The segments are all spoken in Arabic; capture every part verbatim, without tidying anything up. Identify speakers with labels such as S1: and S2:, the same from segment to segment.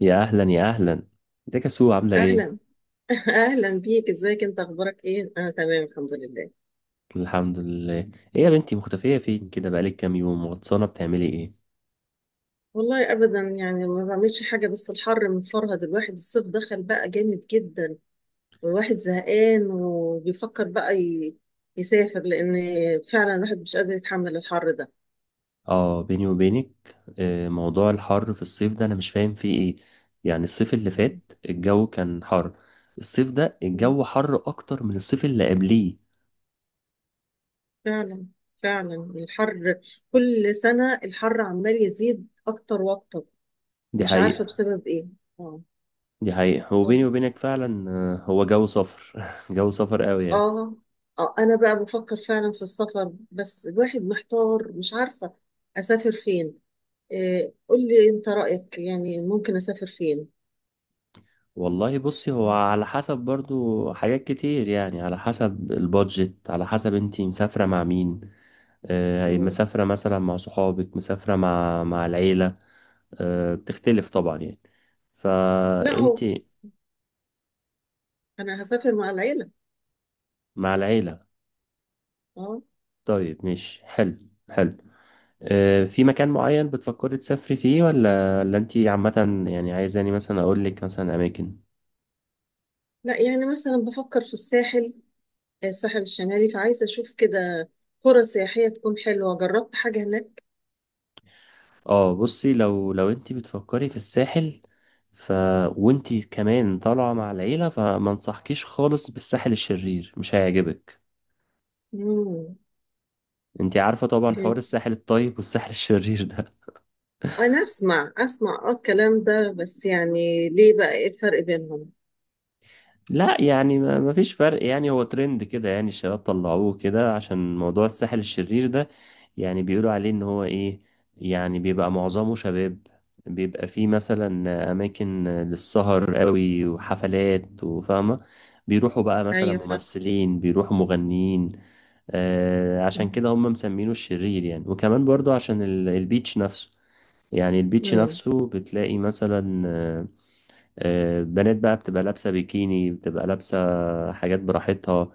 S1: يا اهلا يا اهلا، ازيك يا سو؟ عامله ايه؟
S2: اهلا. اهلا بيك، ازيك؟ انت اخبارك ايه؟ انا تمام الحمد لله.
S1: الحمد لله. ايه يا بنتي مختفيه فين كده؟ بقالك كام يوم غطسانه بتعملي ايه؟
S2: والله ابدا، يعني ما بعملش حاجه، بس الحر مفرهد الواحد، الصيف دخل بقى جامد جدا، والواحد زهقان وبيفكر بقى ي- يسافر، لان فعلا الواحد مش قادر يتحمل الحر ده.
S1: اه، بيني وبينك، آه، موضوع الحر في الصيف ده انا مش فاهم فيه ايه. يعني الصيف اللي فات الجو كان حر، الصيف ده
S2: مم.
S1: الجو حر اكتر من الصيف اللي قبليه.
S2: فعلا، فعلا الحر، كل سنه الحر عمال يزيد اكتر واكتر،
S1: دي
S2: مش عارفه
S1: حقيقه.
S2: بسبب ايه. اه،
S1: دي حقيقه وبيني وبينك فعلا آه، هو جو صفر. جو صفر قوي يعني.
S2: اه، اه، انا بقى بفكر فعلا في السفر، بس الواحد محتار، مش عارفة اسافر فين. إيه، قول لي انت رأيك، يعني ممكن اسافر فين؟
S1: والله بصي، هو على حسب برضو حاجات كتير، يعني على حسب البادجت، على حسب انتي مسافرة مع مين. آه،
S2: مم.
S1: مسافرة مثلا مع صحابك، مسافرة مع مع العيلة؟ آه، بتختلف طبعا يعني.
S2: لا، هو
S1: فانتي
S2: انا هسافر مع العيلة.
S1: مع العيلة؟
S2: اه.
S1: طيب مش حلو، حلو. آه، في مكان معين بتفكري تسافري فيه ولا ولا انتي عامة يعني عايزاني مثلا اقولك مثلا اماكن؟
S2: لا، يعني مثلا بفكر في الساحل، آه، الساحل الشمالي، فعايزة اشوف كده قرى سياحية تكون حلوة، جربت حاجة هناك؟
S1: اه، بصي لو لو انت بتفكري في الساحل، ف وانت كمان طالعه مع العيله، فما انصحكيش خالص بالساحل الشرير، مش هيعجبك.
S2: مم.
S1: انت عارفه طبعا حوار
S2: ليه؟
S1: الساحل الطيب والساحل الشرير ده.
S2: انا اسمع اسمع اه الكلام ده، بس يعني ليه بقى؟ ايه الفرق بينهم؟
S1: لا يعني ما ما فيش فرق، يعني هو ترند كده، يعني الشباب طلعوه كده. عشان موضوع الساحل الشرير ده، يعني بيقولوا عليه ان هو ايه، يعني بيبقى معظمه شباب، بيبقى فيه مثلا اماكن للسهر قوي وحفلات وفاهمة. بيروحوا بقى مثلا
S2: ايوه، فاهم.
S1: ممثلين، بيروحوا مغنيين. آه، عشان كده هم مسمينه الشرير يعني. وكمان برضو عشان ال- البيتش نفسه، يعني البيتش
S2: مم.
S1: نفسه بتلاقي مثلا آه، آه، بنات بقى بتبقى لابسة بيكيني، بتبقى لابسة حاجات براحتها.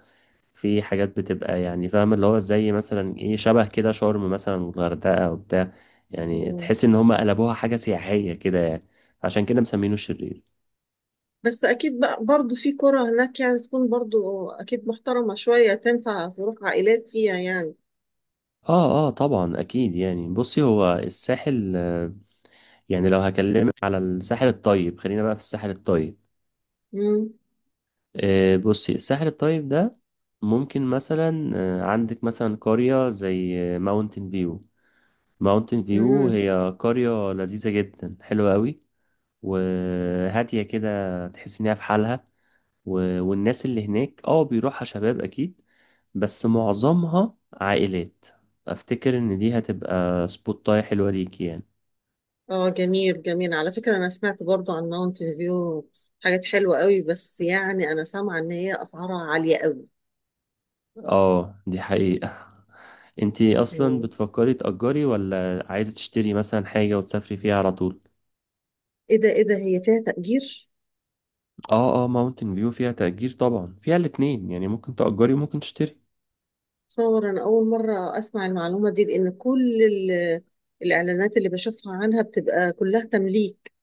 S1: في حاجات بتبقى يعني فاهم اللي هو زي مثلا ايه، شبه كده شرم مثلا والغردقة وبتاع، يعني
S2: مم.
S1: تحس ان هم قلبوها حاجة سياحية كده يعني. عشان كده مسمينه الشرير.
S2: بس اكيد بقى برضه في قرى هناك، يعني تكون برضه اكيد محترمة شوية، تنفع تروح عائلات فيها يعني.
S1: اه اه طبعا اكيد يعني. بصي هو الساحل آه، يعني لو هكلمك على الساحل الطيب، خلينا بقى في الساحل الطيب.
S2: امم
S1: آه، بصي الساحل الطيب ده ممكن مثلا آه، عندك مثلا قرية زي ماونتن فيو. ماونتن فيو
S2: امم
S1: هي قرية لذيذة جدا، حلوة قوي وهادية كده، تحس إنها في حالها. و... والناس اللي هناك اه بيروحها شباب أكيد، بس معظمها عائلات. أفتكر إن دي هتبقى سبوتاية حلوة ليكي يعني.
S2: اه، جميل، جميل، على فكرة انا سمعت برضو عن ماونتن فيو حاجات حلوة قوي، بس يعني انا سامعة ان هي اسعارها عالية قوي.
S1: اه دي حقيقة. انتي أصلا
S2: مم.
S1: بتفكري تأجري ولا عايزة تشتري مثلا حاجة وتسافري فيها على طول؟
S2: ايه ده؟ ايه ده؟ هي فيها تأجير؟
S1: اه اه ماونتن فيو فيها تأجير طبعا، فيها الاتنين، يعني ممكن تأجري وممكن تشتري.
S2: صور، انا اول مرة اسمع المعلومة دي، لان كل ال- الاعلانات اللي بشوفها عنها بتبقى كلها تمليك.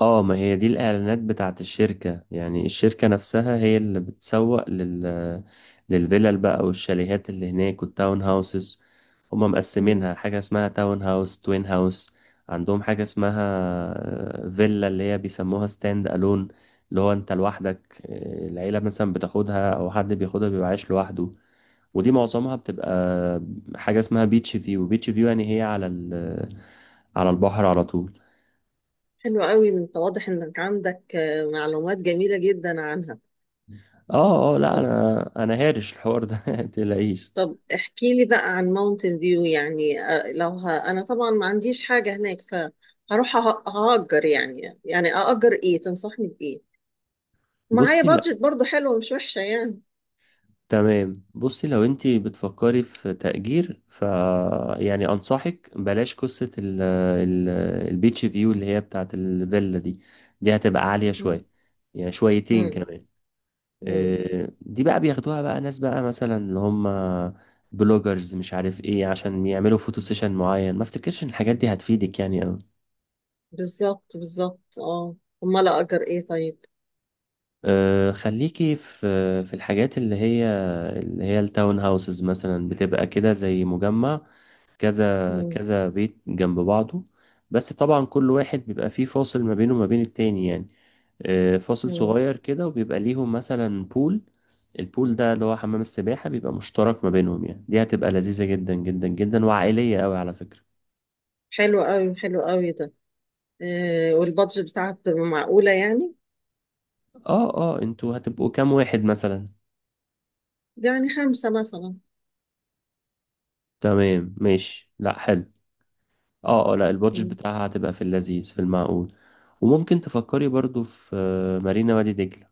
S1: اه ما هي دي الإعلانات بتاعت الشركة، يعني الشركة نفسها هي اللي بتسوق لل للفيلل بقى والشاليهات اللي هناك والتاون هاوسز. هما مقسمينها
S2: مم.
S1: حاجة اسمها تاون هاوس، توين هاوس. عندهم حاجة اسمها آه، فيلا اللي هي بيسموها ستاند ألون، اللي هو انت لوحدك. آه، العيلة مثلا بتاخدها أو حد بياخدها بيبقى عايش لوحده. ودي معظمها بتبقى حاجة اسمها بيتش فيو. بيتش فيو يعني هي على ال- على البحر على طول.
S2: حلو قوي، انت واضح انك عندك آه، معلومات جميلة جدا عنها.
S1: اه اه لا
S2: طب
S1: انا انا هارش الحوار ده. متقلقيش.
S2: طب احكي لي بقى عن ماونتن فيو، يعني آه، لو ه... انا طبعا ما عنديش حاجة هناك، فهروح أه- هأجر، يعني يعني أأجر ايه، تنصحني بإيه؟ معايا
S1: بصي لا،
S2: بادجت برضو حلوة، مش وحشة يعني.
S1: تمام. بصي لو انت بتفكري في تأجير، ف يعني انصحك بلاش قصة ال ال البيتش فيو اللي هي بتاعه الفيلا دي، دي هتبقى عالية
S2: مم.
S1: شوية، يعني شويتين
S2: مم.
S1: كمان.
S2: مم.
S1: إيه، دي بقى بياخدوها بقى ناس بقى مثلا اللي هم بلوجرز مش عارف ايه، عشان يعملوا فوتو سيشن معين. ما افتكرش ان الحاجات دي هتفيدك يعني.
S2: بالظبط، بالظبط، اه. امال أأجر ايه طيب؟
S1: آه، خليكي في في الحاجات اللي هي اللي هي التاون هاوسز، مثلا بتبقى كده زي مجمع، كذا
S2: مم.
S1: كذا بيت جنب بعضه. بس طبعا كل واحد بيبقى فيه فاصل ما بينه وما بين التاني يعني، آه، فاصل
S2: مم.
S1: صغير كده، وبيبقى ليهم مثلا بول. البول ده اللي هو حمام السباحة، بيبقى مشترك ما بينهم يعني. دي هتبقى لذيذة جدا جدا جدا وعائلية قوي على فكرة.
S2: حلو قوي، حلو قوي ده. آه والبادجت بتاعت معقولة يعني.
S1: اه اه انتوا هتبقوا كام واحد مثلا؟
S2: يعني خمسة مثلا.
S1: تمام ماشي، لا حلو. اه اه لا البادجت بتاعها هتبقى في اللذيذ، في المعقول. وممكن تفكري برضو في آه، مارينا وادي دجلة.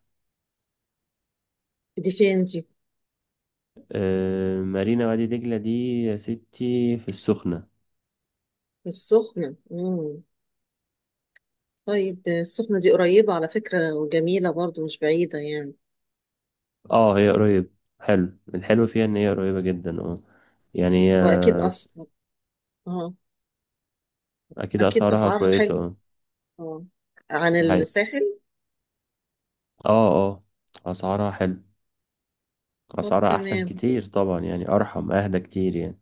S2: دي فين دي؟
S1: آه، مارينا وادي دجلة دي يا ستي في السخنة.
S2: السخنة. مم. طيب، السخنة دي قريبة على فكرة، وجميلة برضو، مش بعيدة يعني.
S1: اه هي قريب، حلو. الحلو فيها ان هي قريبة جدا اه، يعني هي
S2: وأكيد أس...
S1: س-
S2: اه،
S1: اكيد
S2: أكيد
S1: اسعارها
S2: أسعارها
S1: كويسة
S2: حلوة.
S1: اه.
S2: اه، عن
S1: دي حقيقة.
S2: الساحل.
S1: اه اه اسعارها حلو،
S2: طب،
S1: اسعارها احسن
S2: تمام.
S1: كتير طبعا يعني، ارحم اهدى كتير يعني.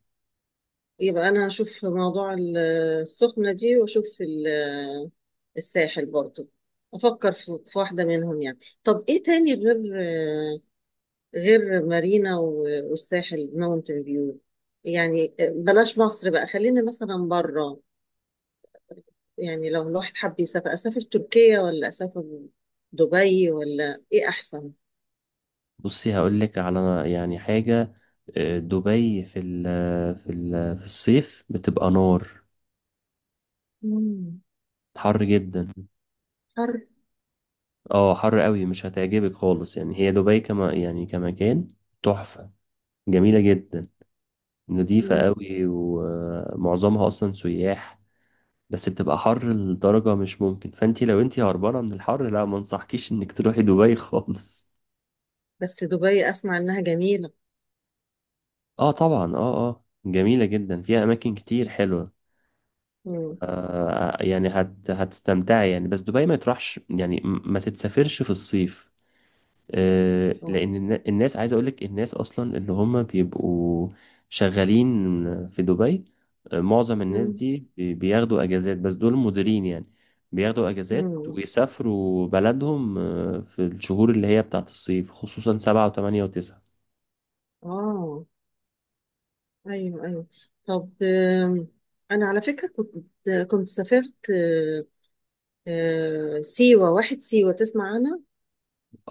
S2: يبقى أنا هشوف موضوع ال- السخنة دي، وأشوف ال- الساحل برضو، أفكر في في واحدة منهم يعني. طب إيه تاني غير غير مارينا و- والساحل ماونتن فيو؟ يعني بلاش مصر بقى، خلينا مثلا بره. يعني لو الواحد حب يسافر، أسافر تركيا ولا أسافر دبي ولا إيه أحسن؟
S1: بصي هقولك على يعني حاجة. آه، دبي في ال في ال في الصيف بتبقى نار،
S2: مم.
S1: حر جدا.
S2: حر.
S1: اه حر قوي، مش هتعجبك خالص يعني. هي دبي كما يعني كمكان تحفة، جميلة جدا، نظيفة
S2: مم.
S1: قوي، ومعظمها اصلا سياح. بس بتبقى حر لدرجة مش ممكن. فانتي لو انتي هربانة من الحر، لا ما انصحكيش انك تروحي دبي خالص.
S2: بس دبي أسمع إنها جميلة.
S1: اه طبعا اه اه جميلة جدا، فيها أماكن كتير حلوة.
S2: مم.
S1: آه يعني هت هتستمتعي يعني. بس دبي ما تروحش يعني، م- ما تتسافرش في الصيف. آه،
S2: آه.
S1: لان النا- الناس، عايز اقول لك الناس اصلا اللي هم بيبقوا شغالين في دبي، آه، معظم الناس
S2: مم.
S1: دي بي- بياخدوا اجازات، بس دول مديرين يعني. بياخدوا اجازات
S2: مم.
S1: ويسافروا بلدهم آه، في الشهور اللي هي بتاعت الصيف، خصوصا سبعة وثمانية وتسعة.
S2: آه، أيوه، أيوه. طب، آم، أنا على فكرة كنت كنت سافرت آه، آه، سيوة واحد سيوة، تسمع عنها؟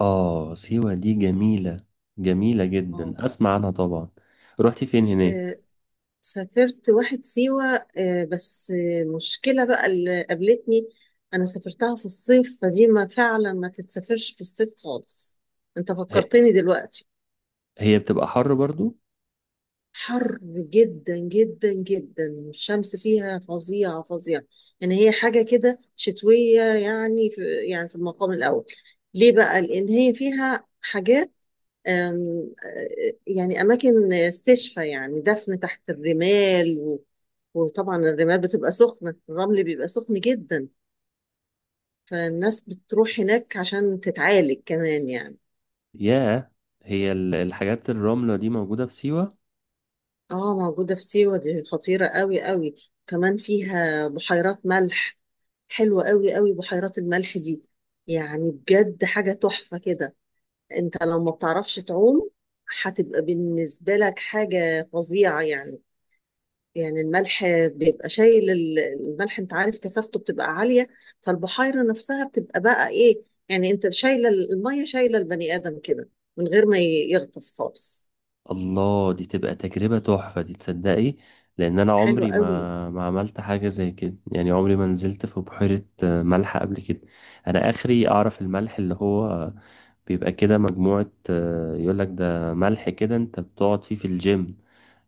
S1: اه سيوة دي جميلة، جميلة
S2: آه،
S1: جدا، اسمع عنها طبعا. رحتي فين هناك؟
S2: سافرت واحد سيوة، آه، بس آه، مشكلة بقى اللي قابلتني، أنا سافرتها في الصيف، فدي ما فعلا ما تتسافرش في الصيف خالص، أنت
S1: هي
S2: فكرتني دلوقتي.
S1: هي بتبقى حر برضو.
S2: حر جدا جدا جدا، الشمس فيها فظيعة، فظيعة. يعني هي حاجة كده شتوية، يعني في يعني في المقام الأول. ليه بقى؟ لأن هي فيها حاجات، أم، آه، يعني أماكن استشفى، يعني دفن تحت الرمال و- وطبعا الرمال بتبقى سخنة، الرمل بيبقى سخن جدا، فالناس بتروح هناك عشان تتعالج كمان يعني.
S1: ياه، هي ال- الحاجات الرملة دي موجودة في سيوة؟
S2: اه، موجودة في سيوة. دي خطيرة قوي، قوي. كمان فيها بحيرات ملح، حلوة قوي، قوي، بحيرات الملح دي. يعني بجد حاجة تحفة كده. انت لو ما بتعرفش تعوم، هتبقى بالنسبة لك حاجة فظيعة يعني. يعني الملح بيبقى شايل ال- الملح، انت عارف كثافته بتبقى عالية، فالبحيرة نفسها بتبقى بقى ايه، يعني انت شايلة ال- المية، شايلة البني آدم كده، من غير ما ي- يغطس خالص.
S1: الله، دي تبقى تجربة تحفة دي تصدقي. لأن أنا
S2: حلوة
S1: عمري
S2: قوي.
S1: ما ما عملت حاجة زي كده، يعني عمري ما نزلت في بحيرة آه، ملح قبل كده. أنا آخري أعرف الملح اللي هو بيبقى كده مجموعة، آه، يقولك ده ملح كده، أنت بتقعد فيه في الجيم،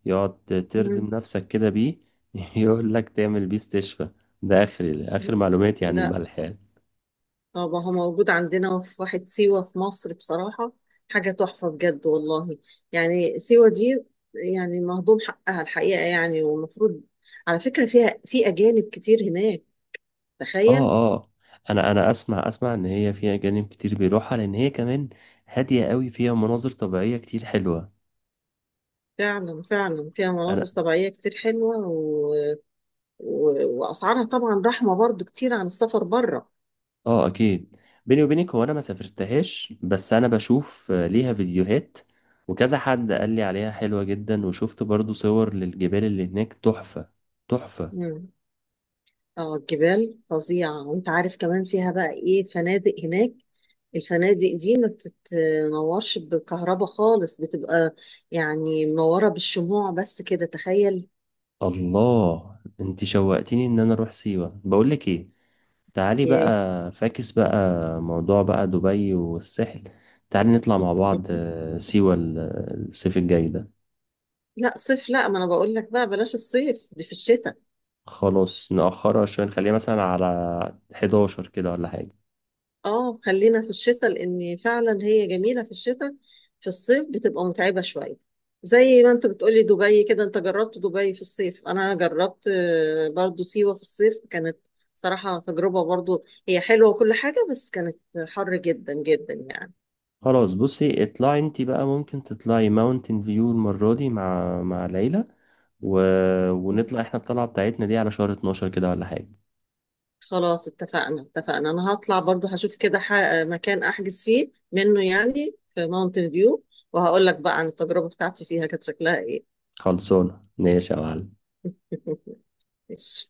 S1: يقعد تردم
S2: مم.
S1: نفسك كده بيه. يقولك تعمل بيه استشفاء، ده آخري آخر معلوماتي عن
S2: لا،
S1: الملح يعني.
S2: اه، ما هو موجود عندنا في واحد سيوة في مصر، بصراحة حاجة تحفة بجد والله. يعني سيوة دي يعني مهضوم حقها الحقيقة، يعني والمفروض على فكرة فيها في أجانب كتير هناك،
S1: اه
S2: تخيل.
S1: اه انا انا اسمع اسمع ان هي فيها جانب كتير بيروحها، لان هي كمان هاديه قوي، فيها مناظر طبيعيه كتير حلوه.
S2: فعلا، فعلا فيها مناظر
S1: انا
S2: طبيعية كتير حلوة، و... و... وأسعارها طبعا رحمة برضو كتير عن السفر بره.
S1: اه اكيد. بيني وبينك هو انا ما سافرتهاش، بس انا بشوف آه، ليها فيديوهات وكذا حد قال لي عليها حلوه جدا، وشفت برضو صور للجبال اللي هناك تحفه، تحفه.
S2: اه، الجبال فظيعة، وانت عارف كمان فيها بقى ايه؟ فنادق هناك، الفنادق دي ما بتتنورش بالكهرباء خالص، بتبقى يعني منورة بالشموع بس كده، تخيل.
S1: الله انت شوقتيني ان انا اروح سيوه. بقول لك ايه، تعالي بقى،
S2: ياه.
S1: فاكس بقى موضوع بقى دبي والساحل، تعالي نطلع مع بعض آه، سيوة ال- الصيف الجاي ده.
S2: لا، صيف لا، ما انا بقول لك بقى بلاش الصيف، دي في الشتاء.
S1: خلاص نأخرها شوية، نخليها مثلا على حداشر كده ولا حاجة.
S2: اه، خلينا في الشتاء، لان فعلا هي جميله في الشتاء، في الصيف بتبقى متعبه شويه، زي ما انت بتقولي دبي كده، انت جربت دبي في الصيف، انا جربت آه، برضو سيوه في الصيف، كانت صراحه تجربه، برضو هي حلوه وكل حاجه، بس كانت حر جدا جدا يعني.
S1: خلاص بصي اطلعي انتي بقى، ممكن تطلعي ماونتن فيو المرة دي مع مع العيلة و...
S2: مم.
S1: ونطلع احنا الطلعة بتاعتنا دي على شهر اتناشر كده ولا حاجة.
S2: خلاص، اتفقنا، اتفقنا، انا هطلع برضو، هشوف كده ح- مكان احجز فيه منه يعني في ماونتن فيو، وهقول لك بقى عن التجربه بتاعتي فيها كانت شكلها ايه.
S1: خلصونا ماشي يا معلم.
S2: ماشي.